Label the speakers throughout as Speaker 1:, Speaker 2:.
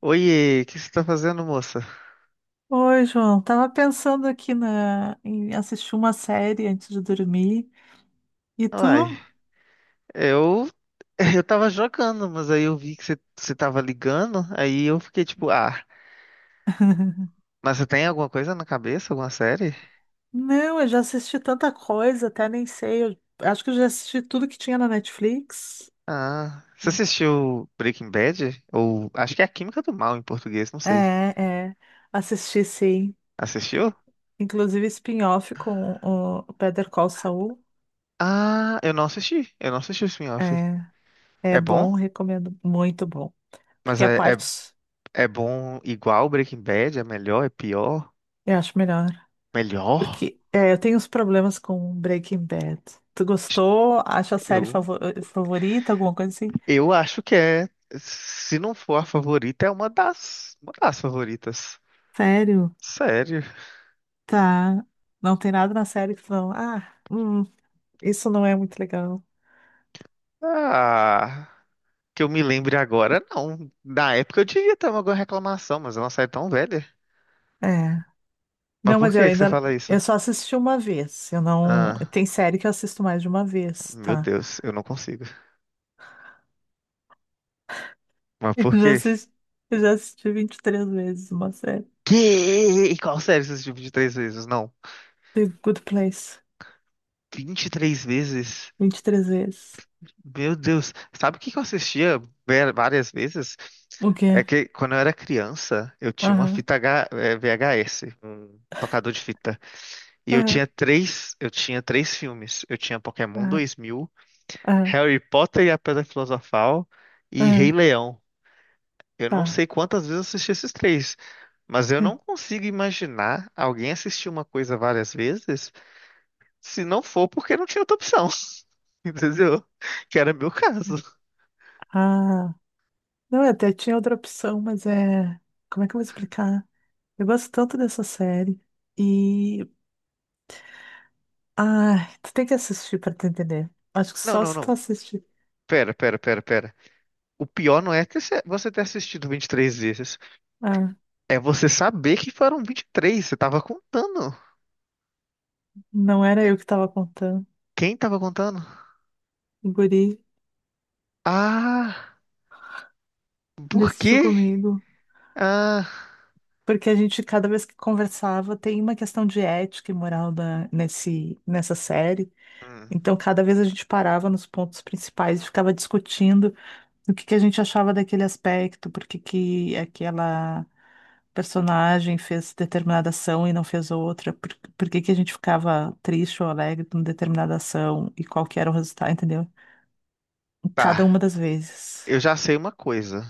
Speaker 1: Oiê, o que você tá fazendo, moça?
Speaker 2: Oi, João. Tava pensando aqui em assistir uma série antes de dormir. E tu?
Speaker 1: Uai, eu. Eu tava jogando, mas aí eu vi que você tava ligando, aí eu fiquei tipo, ah, mas você tem alguma coisa na cabeça, alguma série?
Speaker 2: Não, eu já assisti tanta coisa, até nem sei. Eu acho que eu já assisti tudo que tinha na Netflix.
Speaker 1: Ah, você assistiu Breaking Bad? Ou acho que é A Química do Mal em português, não
Speaker 2: É,
Speaker 1: sei.
Speaker 2: é. Assisti, sim.
Speaker 1: Assistiu?
Speaker 2: Inclusive spin-off com o Better Call Saul.
Speaker 1: Ah, eu não assisti o spin-off.
Speaker 2: É, é
Speaker 1: É bom?
Speaker 2: bom, recomendo. Muito bom.
Speaker 1: Mas
Speaker 2: Porque a
Speaker 1: é, é,
Speaker 2: parte
Speaker 1: é bom igual Breaking Bad? É melhor? É pior?
Speaker 2: eu acho melhor.
Speaker 1: Melhor?
Speaker 2: Eu tenho uns problemas com Breaking Bad. Tu gostou? Acha a série
Speaker 1: Eu
Speaker 2: favorita? Alguma coisa assim?
Speaker 1: Eu acho que se não for a favorita, é uma das favoritas.
Speaker 2: Sério?
Speaker 1: Sério.
Speaker 2: Tá. Não tem nada na série que falam, isso não é muito legal.
Speaker 1: Ah, que eu me lembre agora, não. Na época eu devia ter alguma reclamação, mas eu não saí tão velha.
Speaker 2: É.
Speaker 1: Mas
Speaker 2: Não,
Speaker 1: por
Speaker 2: mas eu
Speaker 1: que que você
Speaker 2: ainda,
Speaker 1: fala isso?
Speaker 2: Eu só assisti uma vez. Eu não,
Speaker 1: Ah,
Speaker 2: tem série que eu assisto mais de uma vez,
Speaker 1: meu
Speaker 2: tá?
Speaker 1: Deus, eu não consigo. Mas
Speaker 2: Eu
Speaker 1: por
Speaker 2: já
Speaker 1: quê?
Speaker 2: assisti, eu já assisti vinte e três vezes uma série.
Speaker 1: Que? Qual série você assistiu 23 vezes? Não.
Speaker 2: The Good Place.
Speaker 1: 23 vezes?
Speaker 2: Vinte e três vezes.
Speaker 1: Meu Deus, sabe o que que eu assistia várias vezes?
Speaker 2: O
Speaker 1: É
Speaker 2: quê?
Speaker 1: que quando eu era criança, eu tinha uma
Speaker 2: Aham.
Speaker 1: fita VHS, um tocador de fita. E eu
Speaker 2: Aham.
Speaker 1: tinha três, eu tinha três filmes. Eu tinha Pokémon
Speaker 2: Aham.
Speaker 1: 2000,
Speaker 2: Aham.
Speaker 1: Harry Potter e a Pedra Filosofal e Rei
Speaker 2: Aham.
Speaker 1: Leão. Eu não
Speaker 2: Tá.
Speaker 1: sei quantas vezes eu assisti esses três, mas eu não consigo imaginar alguém assistir uma coisa várias vezes, se não for porque não tinha outra opção. Entendeu? Que era meu caso.
Speaker 2: Ah. Não, eu até tinha outra opção, mas é. Como é que eu vou explicar? Eu gosto tanto dessa série. E. Ai, tu tem que assistir pra tu entender. Acho que
Speaker 1: Não,
Speaker 2: só
Speaker 1: não,
Speaker 2: se tu
Speaker 1: não.
Speaker 2: assistir.
Speaker 1: Pera, pera, pera, pera. O pior não é ter você ter assistido 23 vezes.
Speaker 2: Ah,
Speaker 1: É você saber que foram 23. Você tava contando.
Speaker 2: não era eu que tava contando.
Speaker 1: Quem tava contando?
Speaker 2: O guri,
Speaker 1: Ah,
Speaker 2: ele
Speaker 1: por
Speaker 2: assistiu
Speaker 1: quê?
Speaker 2: comigo.
Speaker 1: Ah,
Speaker 2: Porque a gente, cada vez que conversava, tem uma questão de ética e moral nessa série.
Speaker 1: hum,
Speaker 2: Então, cada vez a gente parava nos pontos principais e ficava discutindo o que que a gente achava daquele aspecto, por que que aquela personagem fez determinada ação e não fez outra, por que que a gente ficava triste ou alegre com determinada ação e qual que era o resultado, entendeu? Cada uma
Speaker 1: tá.
Speaker 2: das vezes.
Speaker 1: Eu já sei uma coisa.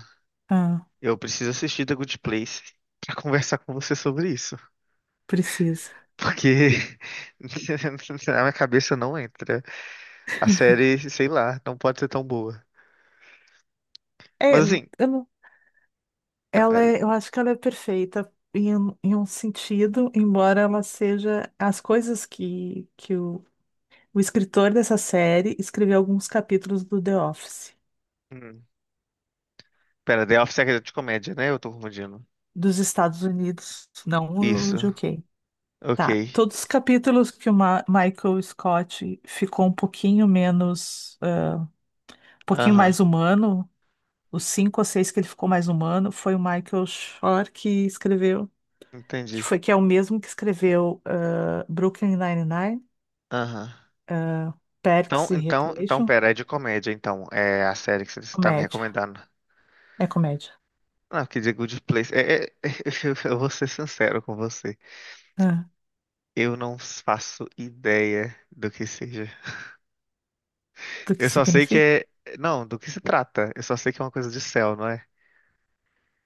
Speaker 2: Ah,
Speaker 1: Eu preciso assistir The Good Place pra conversar com você sobre isso.
Speaker 2: precisa.
Speaker 1: Porque na minha cabeça não entra. A série, sei lá, não pode ser tão boa.
Speaker 2: É,
Speaker 1: Mas
Speaker 2: eu
Speaker 1: assim,
Speaker 2: não-
Speaker 1: não,
Speaker 2: Ela
Speaker 1: é-
Speaker 2: é, eu acho que ela é perfeita em um sentido, embora ela seja as coisas que o escritor dessa série escreveu alguns capítulos do The Office.
Speaker 1: Hum. Pera, The Office é de comédia, né? Eu tô confundindo.
Speaker 2: Dos Estados Unidos, não o
Speaker 1: Isso.
Speaker 2: de UK.
Speaker 1: Ok.
Speaker 2: Tá. Todos os capítulos que o Michael Scott ficou um pouquinho menos, um pouquinho
Speaker 1: Aham.
Speaker 2: mais humano, os cinco ou seis que ele ficou mais humano, foi o Michael Shore que escreveu,
Speaker 1: Entendi.
Speaker 2: que é o mesmo que escreveu Brooklyn Nine-Nine,
Speaker 1: Aham. Então,
Speaker 2: Parks e
Speaker 1: então, então,
Speaker 2: Recreation,
Speaker 1: pera, é de comédia, então. É a série que você tá me
Speaker 2: comédia.
Speaker 1: recomendando.
Speaker 2: É comédia.
Speaker 1: Não, quer dizer Good Place. Eu vou ser sincero com você.
Speaker 2: Ah,
Speaker 1: Eu não faço ideia do que seja.
Speaker 2: do que
Speaker 1: Eu só sei que
Speaker 2: significa?
Speaker 1: é. Não, do que se trata. Eu só sei que é uma coisa de céu, não é?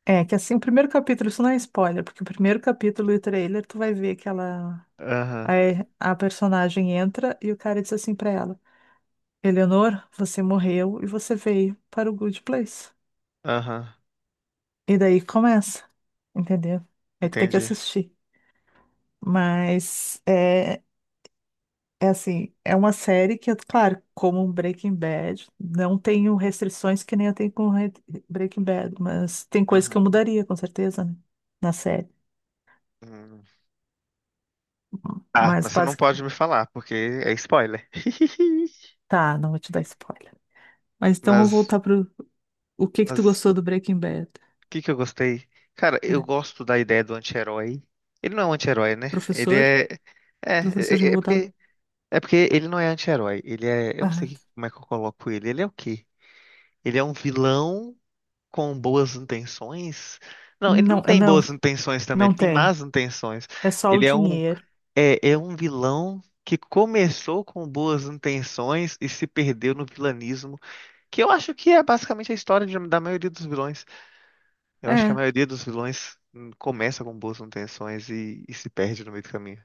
Speaker 2: É que assim, o primeiro capítulo, isso não é spoiler, porque o primeiro capítulo e o trailer, tu vai ver que ela...
Speaker 1: Aham.
Speaker 2: Aí a personagem entra e o cara diz assim pra ela: Eleanor, você morreu e você veio para o Good Place.
Speaker 1: Aham.
Speaker 2: E daí começa, entendeu? Aí tu tem que
Speaker 1: Entendi.
Speaker 2: assistir. Mas é, é assim, é uma série que, claro, como um Breaking Bad, não tenho restrições que nem eu tenho com Breaking Bad, mas tem coisa que eu
Speaker 1: Uhum.
Speaker 2: mudaria, com certeza, né? Na série.
Speaker 1: Hum. Ah,
Speaker 2: Mas
Speaker 1: mas você não
Speaker 2: basic...
Speaker 1: pode me falar, porque é spoiler.
Speaker 2: Tá, não vou te dar spoiler. Mas então vou
Speaker 1: Mas,
Speaker 2: voltar pro o que que tu
Speaker 1: mas
Speaker 2: gostou
Speaker 1: o
Speaker 2: do Breaking Bad,
Speaker 1: que que eu gostei? Cara, eu
Speaker 2: né?
Speaker 1: gosto da ideia do anti-herói. Ele não é um anti-herói, né? Ele
Speaker 2: Professor?
Speaker 1: é. É,
Speaker 2: Professor
Speaker 1: é, é
Speaker 2: revoltado.
Speaker 1: porque, é porque ele não é anti-herói. Ele é. Eu não sei
Speaker 2: Ah,
Speaker 1: como é que eu coloco ele. Ele é o quê? Ele é um vilão com boas intenções? Não, ele não
Speaker 2: não,
Speaker 1: tem
Speaker 2: não,
Speaker 1: boas intenções também, ele
Speaker 2: não
Speaker 1: tem
Speaker 2: tem.
Speaker 1: más intenções.
Speaker 2: É só o
Speaker 1: Ele é um,
Speaker 2: dinheiro.
Speaker 1: é, é um vilão que começou com boas intenções e se perdeu no vilanismo. Que eu acho que é basicamente a história da maioria dos vilões. Eu acho que a
Speaker 2: É,
Speaker 1: maioria dos vilões começa com boas intenções e se perde no meio do caminho.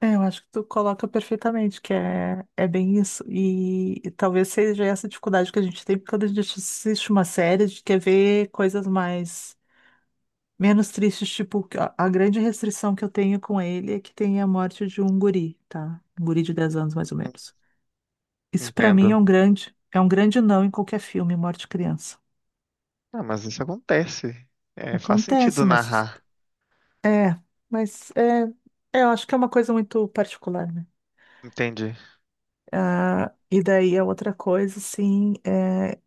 Speaker 2: é, eu acho que tu coloca perfeitamente, que é bem isso. E talvez seja essa dificuldade que a gente tem quando a gente assiste uma série, a gente quer ver coisas mais, menos tristes, tipo, que a grande restrição que eu tenho com ele é que tem a morte de um guri, tá? Um guri de 10 anos, mais ou
Speaker 1: Hum,
Speaker 2: menos. Isso pra mim
Speaker 1: Entendo.
Speaker 2: é um grande não em qualquer filme, morte de criança.
Speaker 1: Ah, mas isso acontece. É, faz sentido
Speaker 2: Acontece, mas
Speaker 1: narrar.
Speaker 2: é, mas eu acho que é uma coisa muito particular, né?
Speaker 1: Entendi.
Speaker 2: Ah, e daí a outra coisa, assim, é,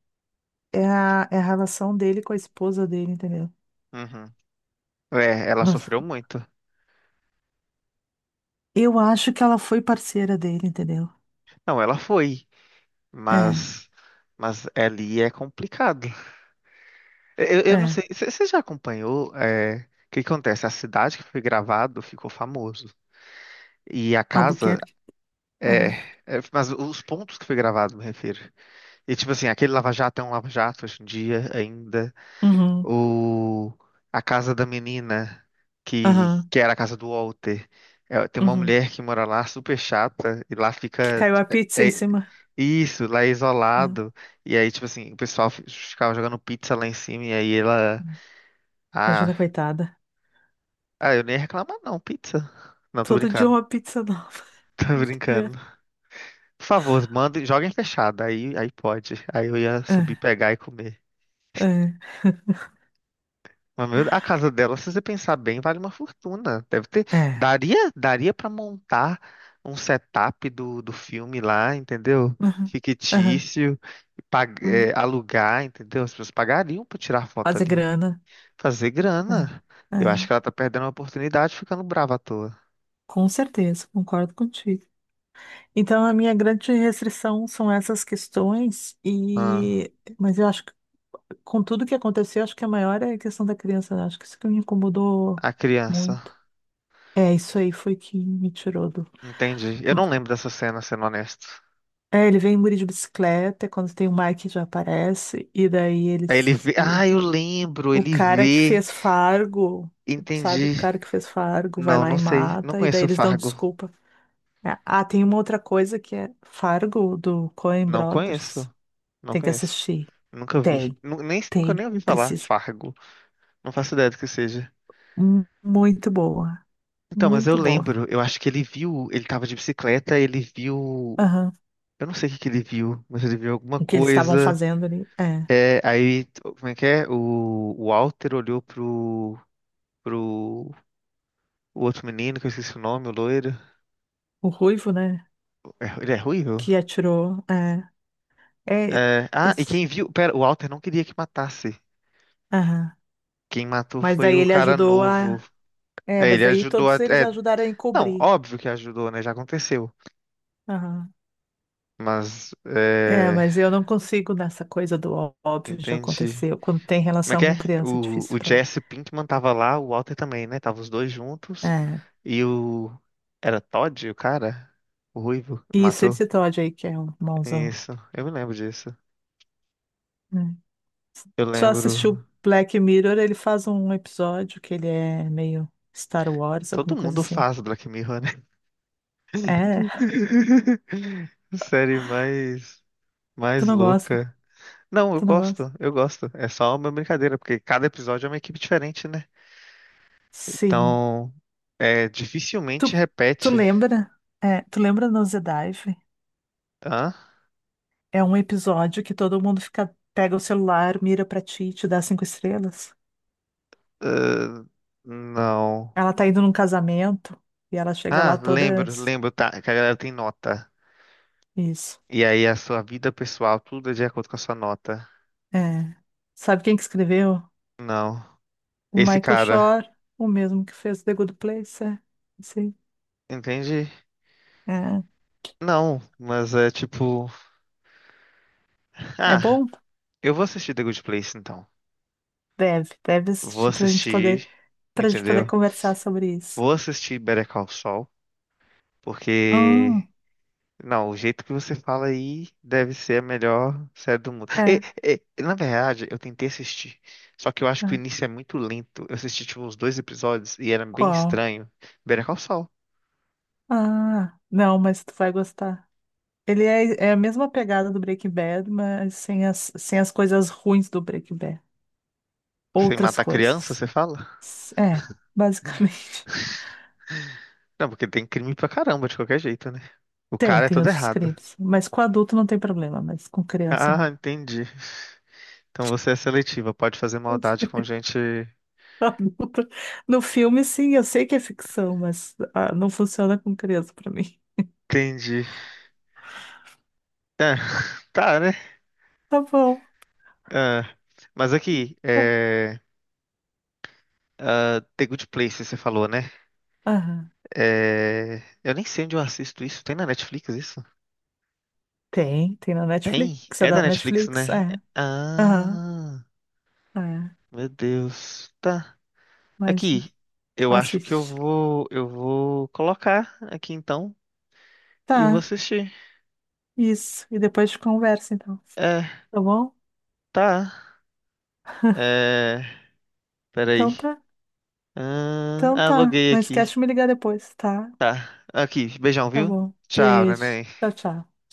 Speaker 2: é, a, é a relação dele com a esposa dele, entendeu?
Speaker 1: Uhum. É, ela
Speaker 2: Nossa,
Speaker 1: sofreu muito.
Speaker 2: eu acho que ela foi parceira dele, entendeu?
Speaker 1: Não, ela foi,
Speaker 2: É,
Speaker 1: mas mas ali é complicado. Eu não
Speaker 2: é.
Speaker 1: sei, você já acompanhou o que que acontece? A cidade que foi gravado ficou famoso. E a casa
Speaker 2: Albuquerque?
Speaker 1: é,
Speaker 2: Aham.
Speaker 1: mas os pontos que foi gravado, me refiro. E tipo assim, aquele Lava Jato é um Lava Jato hoje em dia ainda.
Speaker 2: Uhum,
Speaker 1: O... A casa da menina, que,
Speaker 2: aham,
Speaker 1: que era a casa do Walter. É, tem uma
Speaker 2: uhum.
Speaker 1: mulher que mora lá, super chata, e lá
Speaker 2: Que
Speaker 1: fica
Speaker 2: caiu a pizza em cima,
Speaker 1: isso, lá é
Speaker 2: né?
Speaker 1: isolado. E aí, tipo assim, o pessoal ficava jogando pizza lá em cima, e aí ela. Ah,
Speaker 2: Imagina, coitada.
Speaker 1: ah, eu nem ia reclamar, não, pizza. Não, tô
Speaker 2: Todo dia
Speaker 1: brincando.
Speaker 2: uma pizza nova,
Speaker 1: Tô
Speaker 2: entendeu?
Speaker 1: brincando. Por favor, manda, joguem fechado. Aí pode. Aí eu ia subir,
Speaker 2: É,
Speaker 1: pegar e comer.
Speaker 2: é,
Speaker 1: Mas, meu, a casa dela, se você pensar bem, vale uma fortuna. Deve ter.
Speaker 2: é.
Speaker 1: Daria para montar um setup do filme lá, entendeu?
Speaker 2: Uhum, aham.
Speaker 1: Fictício, e
Speaker 2: Uhum.
Speaker 1: alugar, entendeu? As pessoas pagariam para tirar foto
Speaker 2: Fazer
Speaker 1: ali.
Speaker 2: grana.
Speaker 1: Fazer grana.
Speaker 2: É,
Speaker 1: Eu acho que
Speaker 2: é.
Speaker 1: ela tá perdendo uma oportunidade ficando brava à toa.
Speaker 2: Com certeza, concordo contigo. Então, a minha grande restrição são essas questões,
Speaker 1: Ah,
Speaker 2: e mas eu acho que com tudo que aconteceu, acho que a maior é a questão da criança, né? Acho que isso que me incomodou
Speaker 1: a criança.
Speaker 2: muito. É, isso aí foi que me tirou do.
Speaker 1: Entendi. Eu não lembro dessa cena, sendo honesto.
Speaker 2: É, ele vem em Muri de bicicleta, é quando tem o Mike já aparece, e daí
Speaker 1: Aí ele
Speaker 2: eles.
Speaker 1: vê. Ah, eu lembro.
Speaker 2: O
Speaker 1: Ele
Speaker 2: cara que
Speaker 1: vê.
Speaker 2: fez Fargo, sabe? O
Speaker 1: Entendi.
Speaker 2: cara que fez Fargo vai
Speaker 1: Não,
Speaker 2: lá
Speaker 1: não
Speaker 2: e
Speaker 1: sei. Não
Speaker 2: mata, e daí
Speaker 1: conheço o
Speaker 2: eles dão
Speaker 1: Fargo.
Speaker 2: desculpa. É. Ah, tem uma outra coisa que é Fargo, do Coen
Speaker 1: Não conheço.
Speaker 2: Brothers.
Speaker 1: Não
Speaker 2: Tem que
Speaker 1: conheço.
Speaker 2: assistir.
Speaker 1: Nunca vi.
Speaker 2: Tem,
Speaker 1: Nem, nunca
Speaker 2: tem,
Speaker 1: nem ouvi falar.
Speaker 2: precisa.
Speaker 1: Fargo. Não faço ideia do que seja.
Speaker 2: Muito boa,
Speaker 1: Então, mas eu
Speaker 2: muito boa.
Speaker 1: lembro, eu acho que ele viu, ele tava de bicicleta, ele viu.
Speaker 2: Aham.
Speaker 1: Eu não sei o que que ele viu, mas ele viu alguma
Speaker 2: O que eles estavam
Speaker 1: coisa.
Speaker 2: fazendo ali, é.
Speaker 1: É, aí, como é que é? O Walter olhou pro o outro menino, que eu esqueci o nome, o loiro.
Speaker 2: O Ruivo, né,
Speaker 1: É, ele é ruivo?
Speaker 2: que atirou, é. É,
Speaker 1: É, ah, e
Speaker 2: esse-
Speaker 1: quem viu. Pera, o Walter não queria que matasse.
Speaker 2: aham.
Speaker 1: Quem matou
Speaker 2: Mas
Speaker 1: foi
Speaker 2: daí
Speaker 1: o
Speaker 2: ele
Speaker 1: cara
Speaker 2: ajudou
Speaker 1: novo.
Speaker 2: a... É,
Speaker 1: É,
Speaker 2: mas
Speaker 1: ele
Speaker 2: daí
Speaker 1: ajudou a.
Speaker 2: todos eles
Speaker 1: É,
Speaker 2: ajudaram a
Speaker 1: não,
Speaker 2: encobrir.
Speaker 1: óbvio que ajudou, né? Já aconteceu.
Speaker 2: Aham.
Speaker 1: Mas,
Speaker 2: É,
Speaker 1: é...
Speaker 2: mas eu não consigo nessa coisa do óbvio já
Speaker 1: Entendi.
Speaker 2: aconteceu. Quando tem
Speaker 1: Como é
Speaker 2: relação
Speaker 1: que é?
Speaker 2: com criança, é
Speaker 1: O,
Speaker 2: difícil
Speaker 1: o
Speaker 2: pra mim.
Speaker 1: Jesse Pinkman tava lá, o Walter também, né? Tava os dois juntos.
Speaker 2: É.
Speaker 1: E o... Era Todd, o cara? O Ruivo?
Speaker 2: Isso,
Speaker 1: Matou?
Speaker 2: esse Todd aí que é o mauzão,
Speaker 1: Isso. Eu me lembro disso.
Speaker 2: né?
Speaker 1: Eu
Speaker 2: Só
Speaker 1: lembro...
Speaker 2: assistiu Black Mirror, ele faz um episódio que ele é meio Star Wars,
Speaker 1: Todo
Speaker 2: alguma coisa
Speaker 1: mundo
Speaker 2: assim.
Speaker 1: faz Black Mirror, né?
Speaker 2: É,
Speaker 1: Série mais...
Speaker 2: tu
Speaker 1: Mais
Speaker 2: não gosta,
Speaker 1: louca. Não, eu
Speaker 2: tu não gosta.
Speaker 1: gosto. Eu gosto. É só uma brincadeira, porque cada episódio é uma equipe diferente, né?
Speaker 2: Sim.
Speaker 1: Então... É,
Speaker 2: Tu,
Speaker 1: dificilmente
Speaker 2: tu
Speaker 1: repete,
Speaker 2: lembra? É, tu lembra no Dive?
Speaker 1: tá?
Speaker 2: É um episódio que todo mundo fica, pega o celular, mira pra ti e te dá cinco estrelas.
Speaker 1: Ah, não.
Speaker 2: Ela tá indo num casamento e ela chega lá
Speaker 1: Ah,
Speaker 2: toda.
Speaker 1: lembro, lembro, tá, que a galera tem nota.
Speaker 2: Isso.
Speaker 1: E aí a sua vida pessoal, tudo é de acordo com a sua nota.
Speaker 2: É. Sabe quem que escreveu?
Speaker 1: Não.
Speaker 2: O
Speaker 1: Esse
Speaker 2: Michael
Speaker 1: cara,
Speaker 2: Shore, o mesmo que fez The Good Place, é. Sim.
Speaker 1: entende? Não, mas é tipo.
Speaker 2: É, é
Speaker 1: Ah,
Speaker 2: bom?
Speaker 1: eu vou assistir The Good Place então.
Speaker 2: Deve
Speaker 1: Vou
Speaker 2: assistir
Speaker 1: assistir,
Speaker 2: pra gente poder
Speaker 1: entendeu?
Speaker 2: conversar sobre isso.
Speaker 1: Vou assistir Better Call Saul, porque...
Speaker 2: Hum,
Speaker 1: Não, o jeito que você fala aí deve ser a melhor série do mundo. E,
Speaker 2: é,
Speaker 1: e, na verdade, eu tentei assistir, só que eu acho que o
Speaker 2: é.
Speaker 1: início é muito lento. Eu assisti tipo uns dois episódios e era bem
Speaker 2: Qual?
Speaker 1: estranho. Better Call Saul.
Speaker 2: Ah, não, mas tu vai gostar. É a mesma pegada do Breaking Bad, mas sem as coisas ruins do Breaking Bad.
Speaker 1: Você
Speaker 2: Outras
Speaker 1: mata a criança,
Speaker 2: coisas.
Speaker 1: você fala?
Speaker 2: É, basicamente.
Speaker 1: Não, porque tem crime pra caramba de qualquer jeito, né? O cara é
Speaker 2: Tem
Speaker 1: todo
Speaker 2: outros
Speaker 1: errado.
Speaker 2: crimes. Mas com adulto não tem problema, mas com criança
Speaker 1: Ah,
Speaker 2: não.
Speaker 1: entendi. Então você é seletiva, pode fazer maldade com gente.
Speaker 2: Adulta. No filme, sim, eu sei que é ficção, mas ah, não funciona com criança pra mim.
Speaker 1: Entendi. É, tá, né?
Speaker 2: Tá bom.
Speaker 1: Ah, mas aqui,
Speaker 2: Tá.
Speaker 1: The Good Place, você falou, né?
Speaker 2: Aham.
Speaker 1: É, eu nem sei onde eu assisto isso. Tem na Netflix isso?
Speaker 2: Tem na Netflix,
Speaker 1: Tem?
Speaker 2: é
Speaker 1: É da
Speaker 2: da
Speaker 1: Netflix,
Speaker 2: Netflix,
Speaker 1: né?
Speaker 2: é. Aham,
Speaker 1: Ah,
Speaker 2: é.
Speaker 1: meu Deus. Tá.
Speaker 2: Mas
Speaker 1: Aqui. Eu acho que eu
Speaker 2: assiste.
Speaker 1: vou, eu vou colocar aqui então e vou
Speaker 2: Tá,
Speaker 1: assistir.
Speaker 2: isso. E depois a gente conversa, então.
Speaker 1: É,
Speaker 2: Tá bom?
Speaker 1: tá. É, peraí.
Speaker 2: Então tá.
Speaker 1: Ah,
Speaker 2: Então
Speaker 1: ah,
Speaker 2: tá.
Speaker 1: loguei
Speaker 2: Não esquece de
Speaker 1: aqui.
Speaker 2: me ligar depois, tá?
Speaker 1: Tá. Aqui. Beijão,
Speaker 2: Tá
Speaker 1: viu?
Speaker 2: bom.
Speaker 1: Tchau,
Speaker 2: Beijo.
Speaker 1: neném.
Speaker 2: Tchau, tchau.